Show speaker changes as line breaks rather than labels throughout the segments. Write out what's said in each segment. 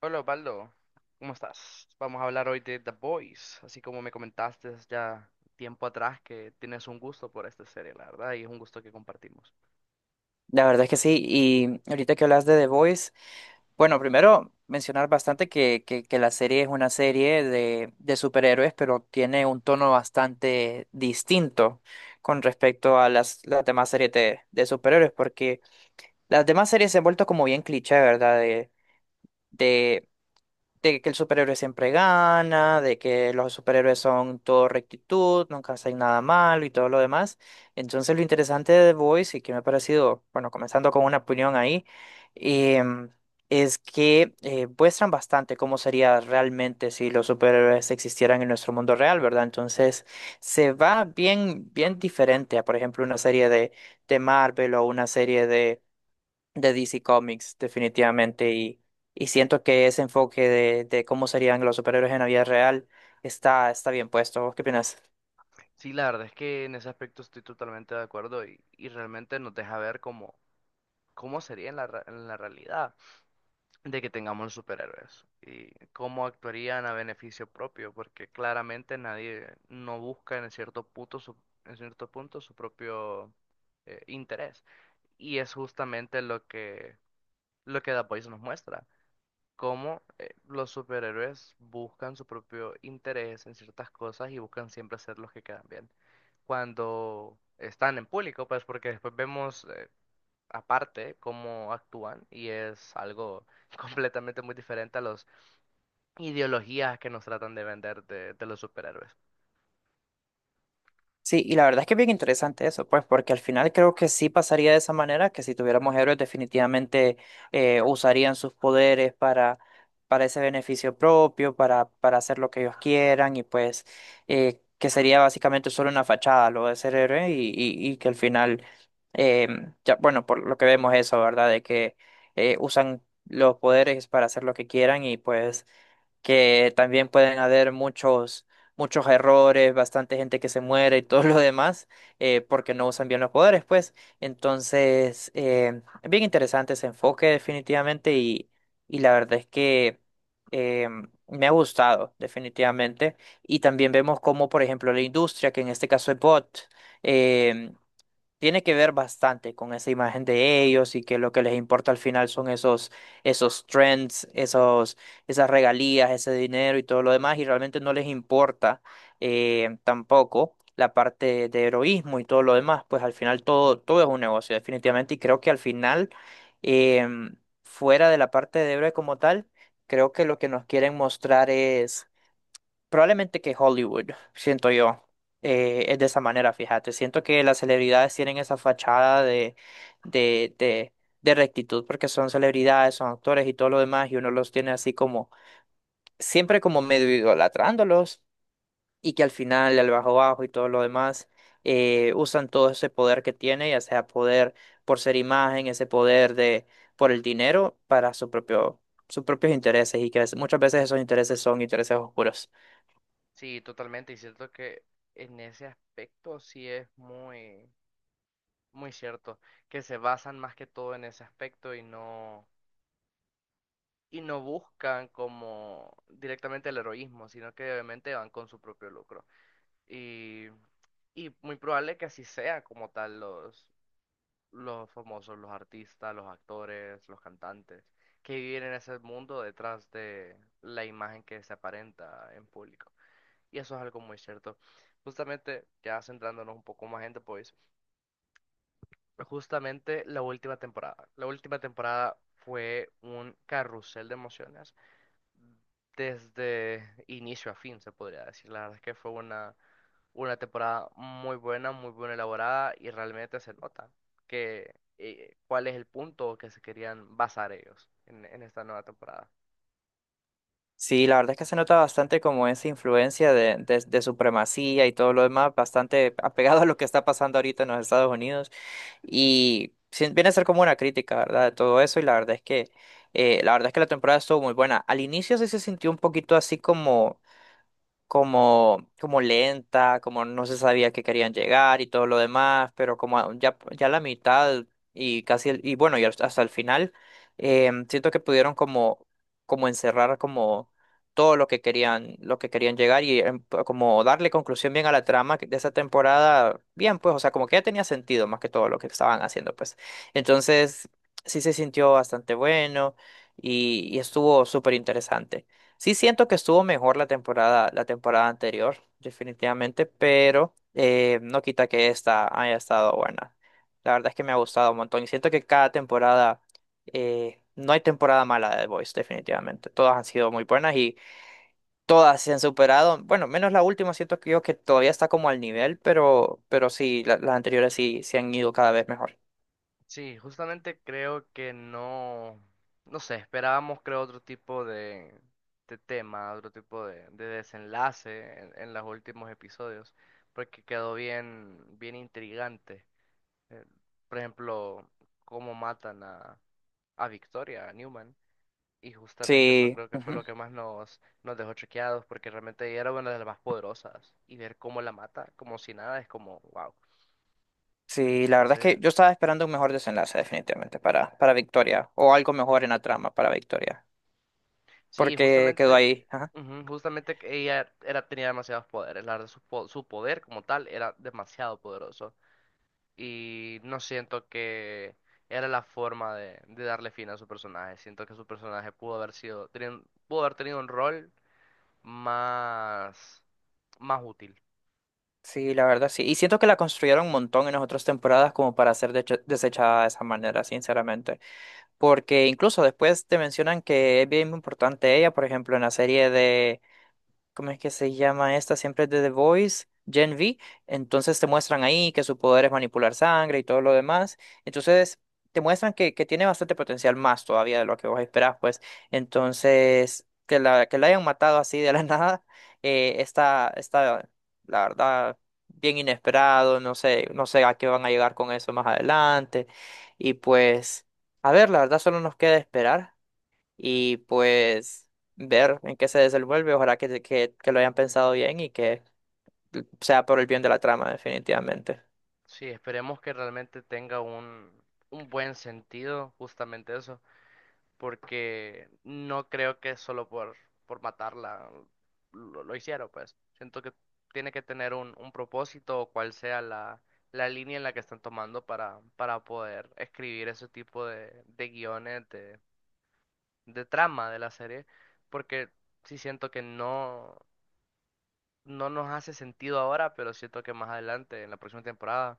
Hola Osvaldo, ¿cómo estás? Vamos a hablar hoy de The Boys, así como me comentaste ya tiempo atrás que tienes un gusto por esta serie, la verdad, y es un gusto que compartimos.
La verdad es que sí, y ahorita que hablas de The Voice, bueno, primero mencionar bastante que la serie es una serie de superhéroes, pero tiene un tono bastante distinto con respecto a las demás series de superhéroes, porque las demás series se han vuelto como bien cliché, ¿verdad? De de que el superhéroe siempre gana, de que los superhéroes son todo rectitud, nunca hacen nada malo y todo lo demás. Entonces lo interesante de The Voice y que me ha parecido, bueno, comenzando con una opinión ahí, em, es que muestran bastante cómo sería realmente si los superhéroes existieran en nuestro mundo real, ¿verdad? Entonces se va bien, bien diferente a, por ejemplo, una serie de Marvel o una serie de DC Comics, definitivamente. Y siento que ese enfoque de cómo serían los superhéroes en la vida real está, está bien puesto. ¿Vos qué opinas?
Sí, la verdad es que en ese aspecto estoy totalmente de acuerdo y realmente nos deja ver cómo, cómo sería en en la realidad de que tengamos superhéroes y cómo actuarían a beneficio propio, porque claramente nadie no busca en cierto punto su, en cierto punto su propio interés. Y es justamente lo que lo que The Voice nos muestra, cómo los superhéroes buscan su propio interés en ciertas cosas y buscan siempre hacer los que quedan bien cuando están en público, pues porque después vemos aparte cómo actúan y es algo completamente muy diferente a las ideologías que nos tratan de vender de los superhéroes.
Sí, y la verdad es que es bien interesante eso, pues, porque al final creo que sí pasaría de esa manera, que si tuviéramos héroes definitivamente usarían sus poderes para ese beneficio propio, para hacer lo que ellos quieran, y pues que sería básicamente solo una fachada lo de ser héroe, y que al final, eh, ya, bueno, por lo que vemos eso, ¿verdad? De que usan los poderes para hacer lo que quieran y pues que también pueden haber muchos, muchos errores, bastante gente que se muere y todo lo demás, porque no usan bien los poderes, pues. Entonces, es bien interesante ese enfoque definitivamente y la verdad es que eh, me ha gustado definitivamente. Y también vemos cómo, por ejemplo, la industria, que en este caso es Bot, eh, tiene que ver bastante con esa imagen de ellos y que lo que les importa al final son esos, esos trends, esos, esas regalías, ese dinero y todo lo demás, y realmente no les importa tampoco la parte de heroísmo y todo lo demás, pues al final todo, todo es un negocio, definitivamente, y creo que al final, em, fuera de la parte de héroe como tal, creo que lo que nos quieren mostrar probablemente que Hollywood, siento yo, es de esa manera, fíjate. Siento que las celebridades tienen esa fachada de, de, de rectitud porque son celebridades, son actores y todo lo demás, y uno los tiene así como, siempre como medio idolatrándolos, y que al final, al bajo bajo y todo lo demás, usan todo ese poder que tiene, ya sea poder por ser imagen, ese poder de, por el dinero, para su propio, sus propios intereses, y que es- muchas veces esos intereses son intereses oscuros.
Sí, totalmente, y cierto que en ese aspecto sí es muy, muy cierto, que se basan más que todo en ese aspecto y no buscan como directamente el heroísmo, sino que obviamente van con su propio lucro. Y, y muy probable que así sea como tal los famosos, los artistas, los actores, los cantantes, que viven en ese mundo detrás de la imagen que se aparenta en público. Y eso es algo muy cierto. Justamente, ya centrándonos un poco más en The Voice, justamente la última temporada. La última temporada fue un carrusel de emociones desde inicio a fin, se podría decir. La verdad es que fue una temporada muy buena, muy bien elaborada y realmente se nota que cuál es el punto que se querían basar ellos en esta nueva temporada.
Sí, la verdad es que se nota bastante como esa influencia de supremacía y todo lo demás, bastante apegado a lo que está pasando ahorita en los Estados Unidos. Y sí, viene a ser como una crítica, ¿verdad? De todo eso. Y la verdad es que, la verdad es que la temporada estuvo muy buena. Al inicio sí se sintió un poquito así como como lenta, como no se sabía que querían llegar y todo lo demás, pero como a- ya, ya la mitad y casi, el- y bueno, y hasta hasta el final, siento que pudieron como, como encerrar como todo lo que querían llegar y como darle conclusión bien a la trama que- de esa temporada, bien, pues, o sea, como que ya tenía sentido más que todo lo que estaban haciendo, pues. Entonces, sí se sintió bastante bueno y estuvo súper interesante. Sí siento que estuvo mejor la temporada anterior, definitivamente, pero no quita que esta haya estado buena. La verdad es que me ha gustado un montón y siento que cada temporada, no hay temporada mala de The Voice, definitivamente. Todas han sido muy buenas y todas se han superado. Bueno, menos la última, siento que yo que todavía está como al nivel, pero sí, la- las anteriores sí se han ido cada vez mejor.
Sí, justamente creo que no, no sé, esperábamos creo otro tipo de tema, otro tipo de desenlace en los últimos episodios, porque quedó bien, bien intrigante eh, por ejemplo, cómo matan a Victoria, a Newman. Y justamente eso
Sí.
creo que fue lo que
Ujú.
más nos dejó choqueados, porque realmente ella era una de las más poderosas. Y ver cómo la mata, como si nada, es como, wow.
Sí, la verdad es
Entonces,
que yo estaba esperando un mejor desenlace definitivamente para Victoria o algo mejor en la trama para Victoria,
sí,
porque quedó
justamente,
ahí. Ajá.
ujú, justamente que ella era, tenía demasiados poderes. La verdad, su poder como tal era demasiado poderoso. Y no siento que era la forma de darle fin a su personaje. Siento que su personaje pudo haber sido, pudo haber tenido un rol más, más útil.
Sí, la verdad sí. Y siento que la construyeron un montón en las otras temporadas como para ser deche- desechada de esa manera, sinceramente. Porque incluso después te mencionan que es bien importante ella, por ejemplo, en la serie, ¿cómo es que se llama esta? Siempre es de The Voice, Gen V. Entonces te muestran ahí que su poder es manipular sangre y todo lo demás. Entonces te muestran que tiene bastante potencial más todavía de lo que vos esperás, pues. Entonces, que la hayan matado así de la nada, está, está, la verdad, bien inesperado. No sé, no sé a qué van a llegar con eso más adelante. Y pues, a ver, la verdad solo nos queda esperar y pues ver en qué se desenvuelve. Ojalá que lo hayan pensado bien y que sea por el bien de la trama, definitivamente.
Sí, esperemos que realmente tenga un buen sentido, justamente eso, porque no creo que solo por matarla lo hicieron, pues. Siento que tiene que tener un propósito o cual sea la, la línea en la que están tomando para poder escribir ese tipo de guiones, de trama de la serie, porque sí siento que no. No nos hace sentido ahora, pero siento que más adelante, en la próxima temporada,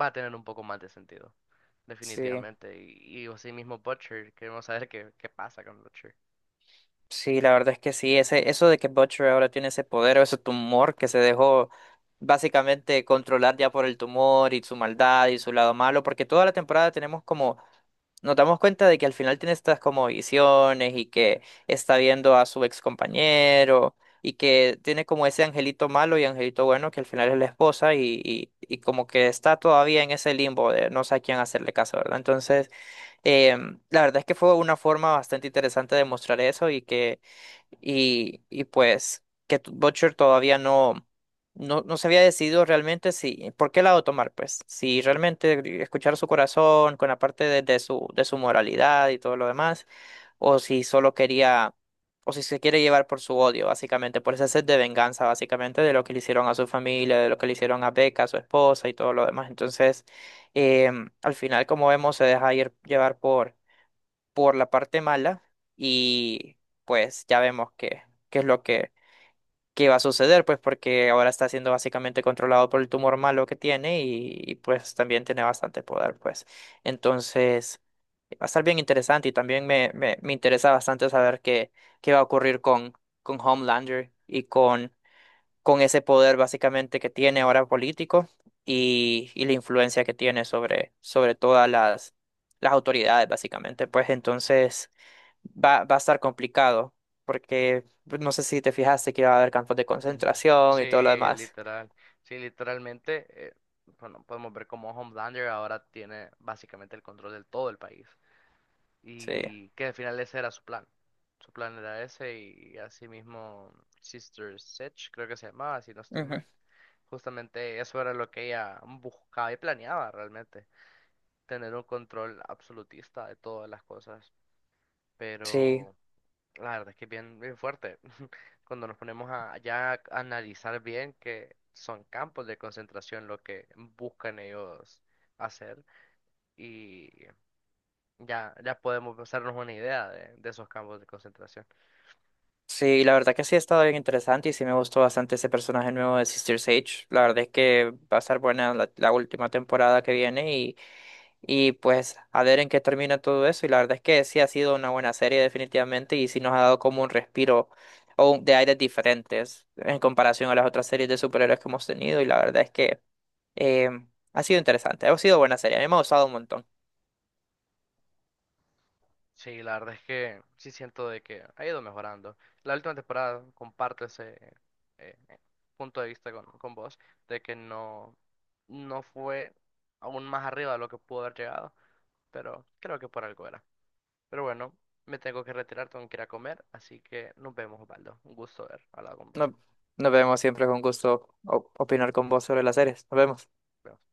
va a tener un poco más de sentido.
Sí,
Definitivamente. Y así mismo Butcher, queremos saber qué, qué pasa con Butcher.
sí, la verdad es que sí. Ese, eso de que Butcher ahora tiene ese poder o ese tumor que se dejó básicamente controlar ya por el tumor y su maldad y su lado malo, porque toda la temporada tenemos como nos damos cuenta de que al final tiene estas como visiones y que está viendo a su ex compañero y que tiene como ese angelito malo y angelito bueno que al final es la esposa y como que está todavía en ese limbo de no sé a quién hacerle caso, ¿verdad? Entonces... la verdad es que fue una forma bastante interesante de mostrar eso y que, y pues, que t- Butcher todavía no se había decidido realmente si, por qué lado tomar, pues, si realmente escuchar su corazón con la parte de su, de su moralidad y todo lo demás, o si solo quería, o si se quiere llevar por su odio, básicamente, por ese sed de venganza, básicamente, de lo que le hicieron a su familia, de lo que le hicieron a Becca, a su esposa y todo lo demás. Entonces, al final, como vemos, se deja ir- llevar por la parte mala y pues ya vemos que, qué es lo que va a suceder, pues porque ahora está siendo básicamente controlado por el tumor malo que tiene y, pues también tiene bastante poder, pues. Entonces, va a estar bien interesante y también me interesa bastante saber qué, qué va a ocurrir con Homelander y con ese poder básicamente que tiene ahora político y la influencia que tiene sobre, sobre todas las autoridades básicamente. Pues entonces va a estar complicado porque pues, no sé si te fijaste que va a haber campos de
Ujú.
concentración y todo lo
Sí,
demás.
literal. Sí, literalmente, bueno, podemos ver cómo Homelander ahora tiene básicamente el control de todo el país.
Sí,
Y que al final ese era su plan. Su plan era ese y así mismo Sister Sedge, creo que se llamaba, si no estoy
ujú.
mal. Justamente eso era lo que ella buscaba y planeaba realmente, tener un control absolutista de todas las cosas.
Sí,
Pero la verdad es que es bien, bien fuerte. Cuando nos ponemos a ya a analizar bien que son campos de concentración lo que buscan ellos hacer. Y ya, ya podemos hacernos una idea de esos campos de concentración.
sí, la verdad que sí ha estado bien interesante y sí me gustó bastante ese personaje nuevo de Sister Sage. La verdad es que va a estar buena la, la última temporada que viene. Y pues a ver en qué termina todo eso. Y la verdad es que sí ha sido una buena serie definitivamente y sí nos ha dado como un respiro o un- de aires diferentes en comparación a las otras series de superhéroes que hemos tenido. Y la verdad es que eh, ha sido interesante, ha sido buena serie, a mí me ha gustado un montón.
Sí, la verdad es que sí siento de que ha ido mejorando. La última temporada comparto ese eh, eh, punto de vista con vos, de que no, no fue aún más arriba de lo que pudo haber llegado, pero creo que por algo era. Pero bueno, me tengo que retirar, tengo que ir a comer, así que nos vemos, Osvaldo. Un gusto haber hablado con vos.
No- Nos, vemos siempre con gusto o- opinar con vos sobre las series. Nos vemos.
Nos vemos.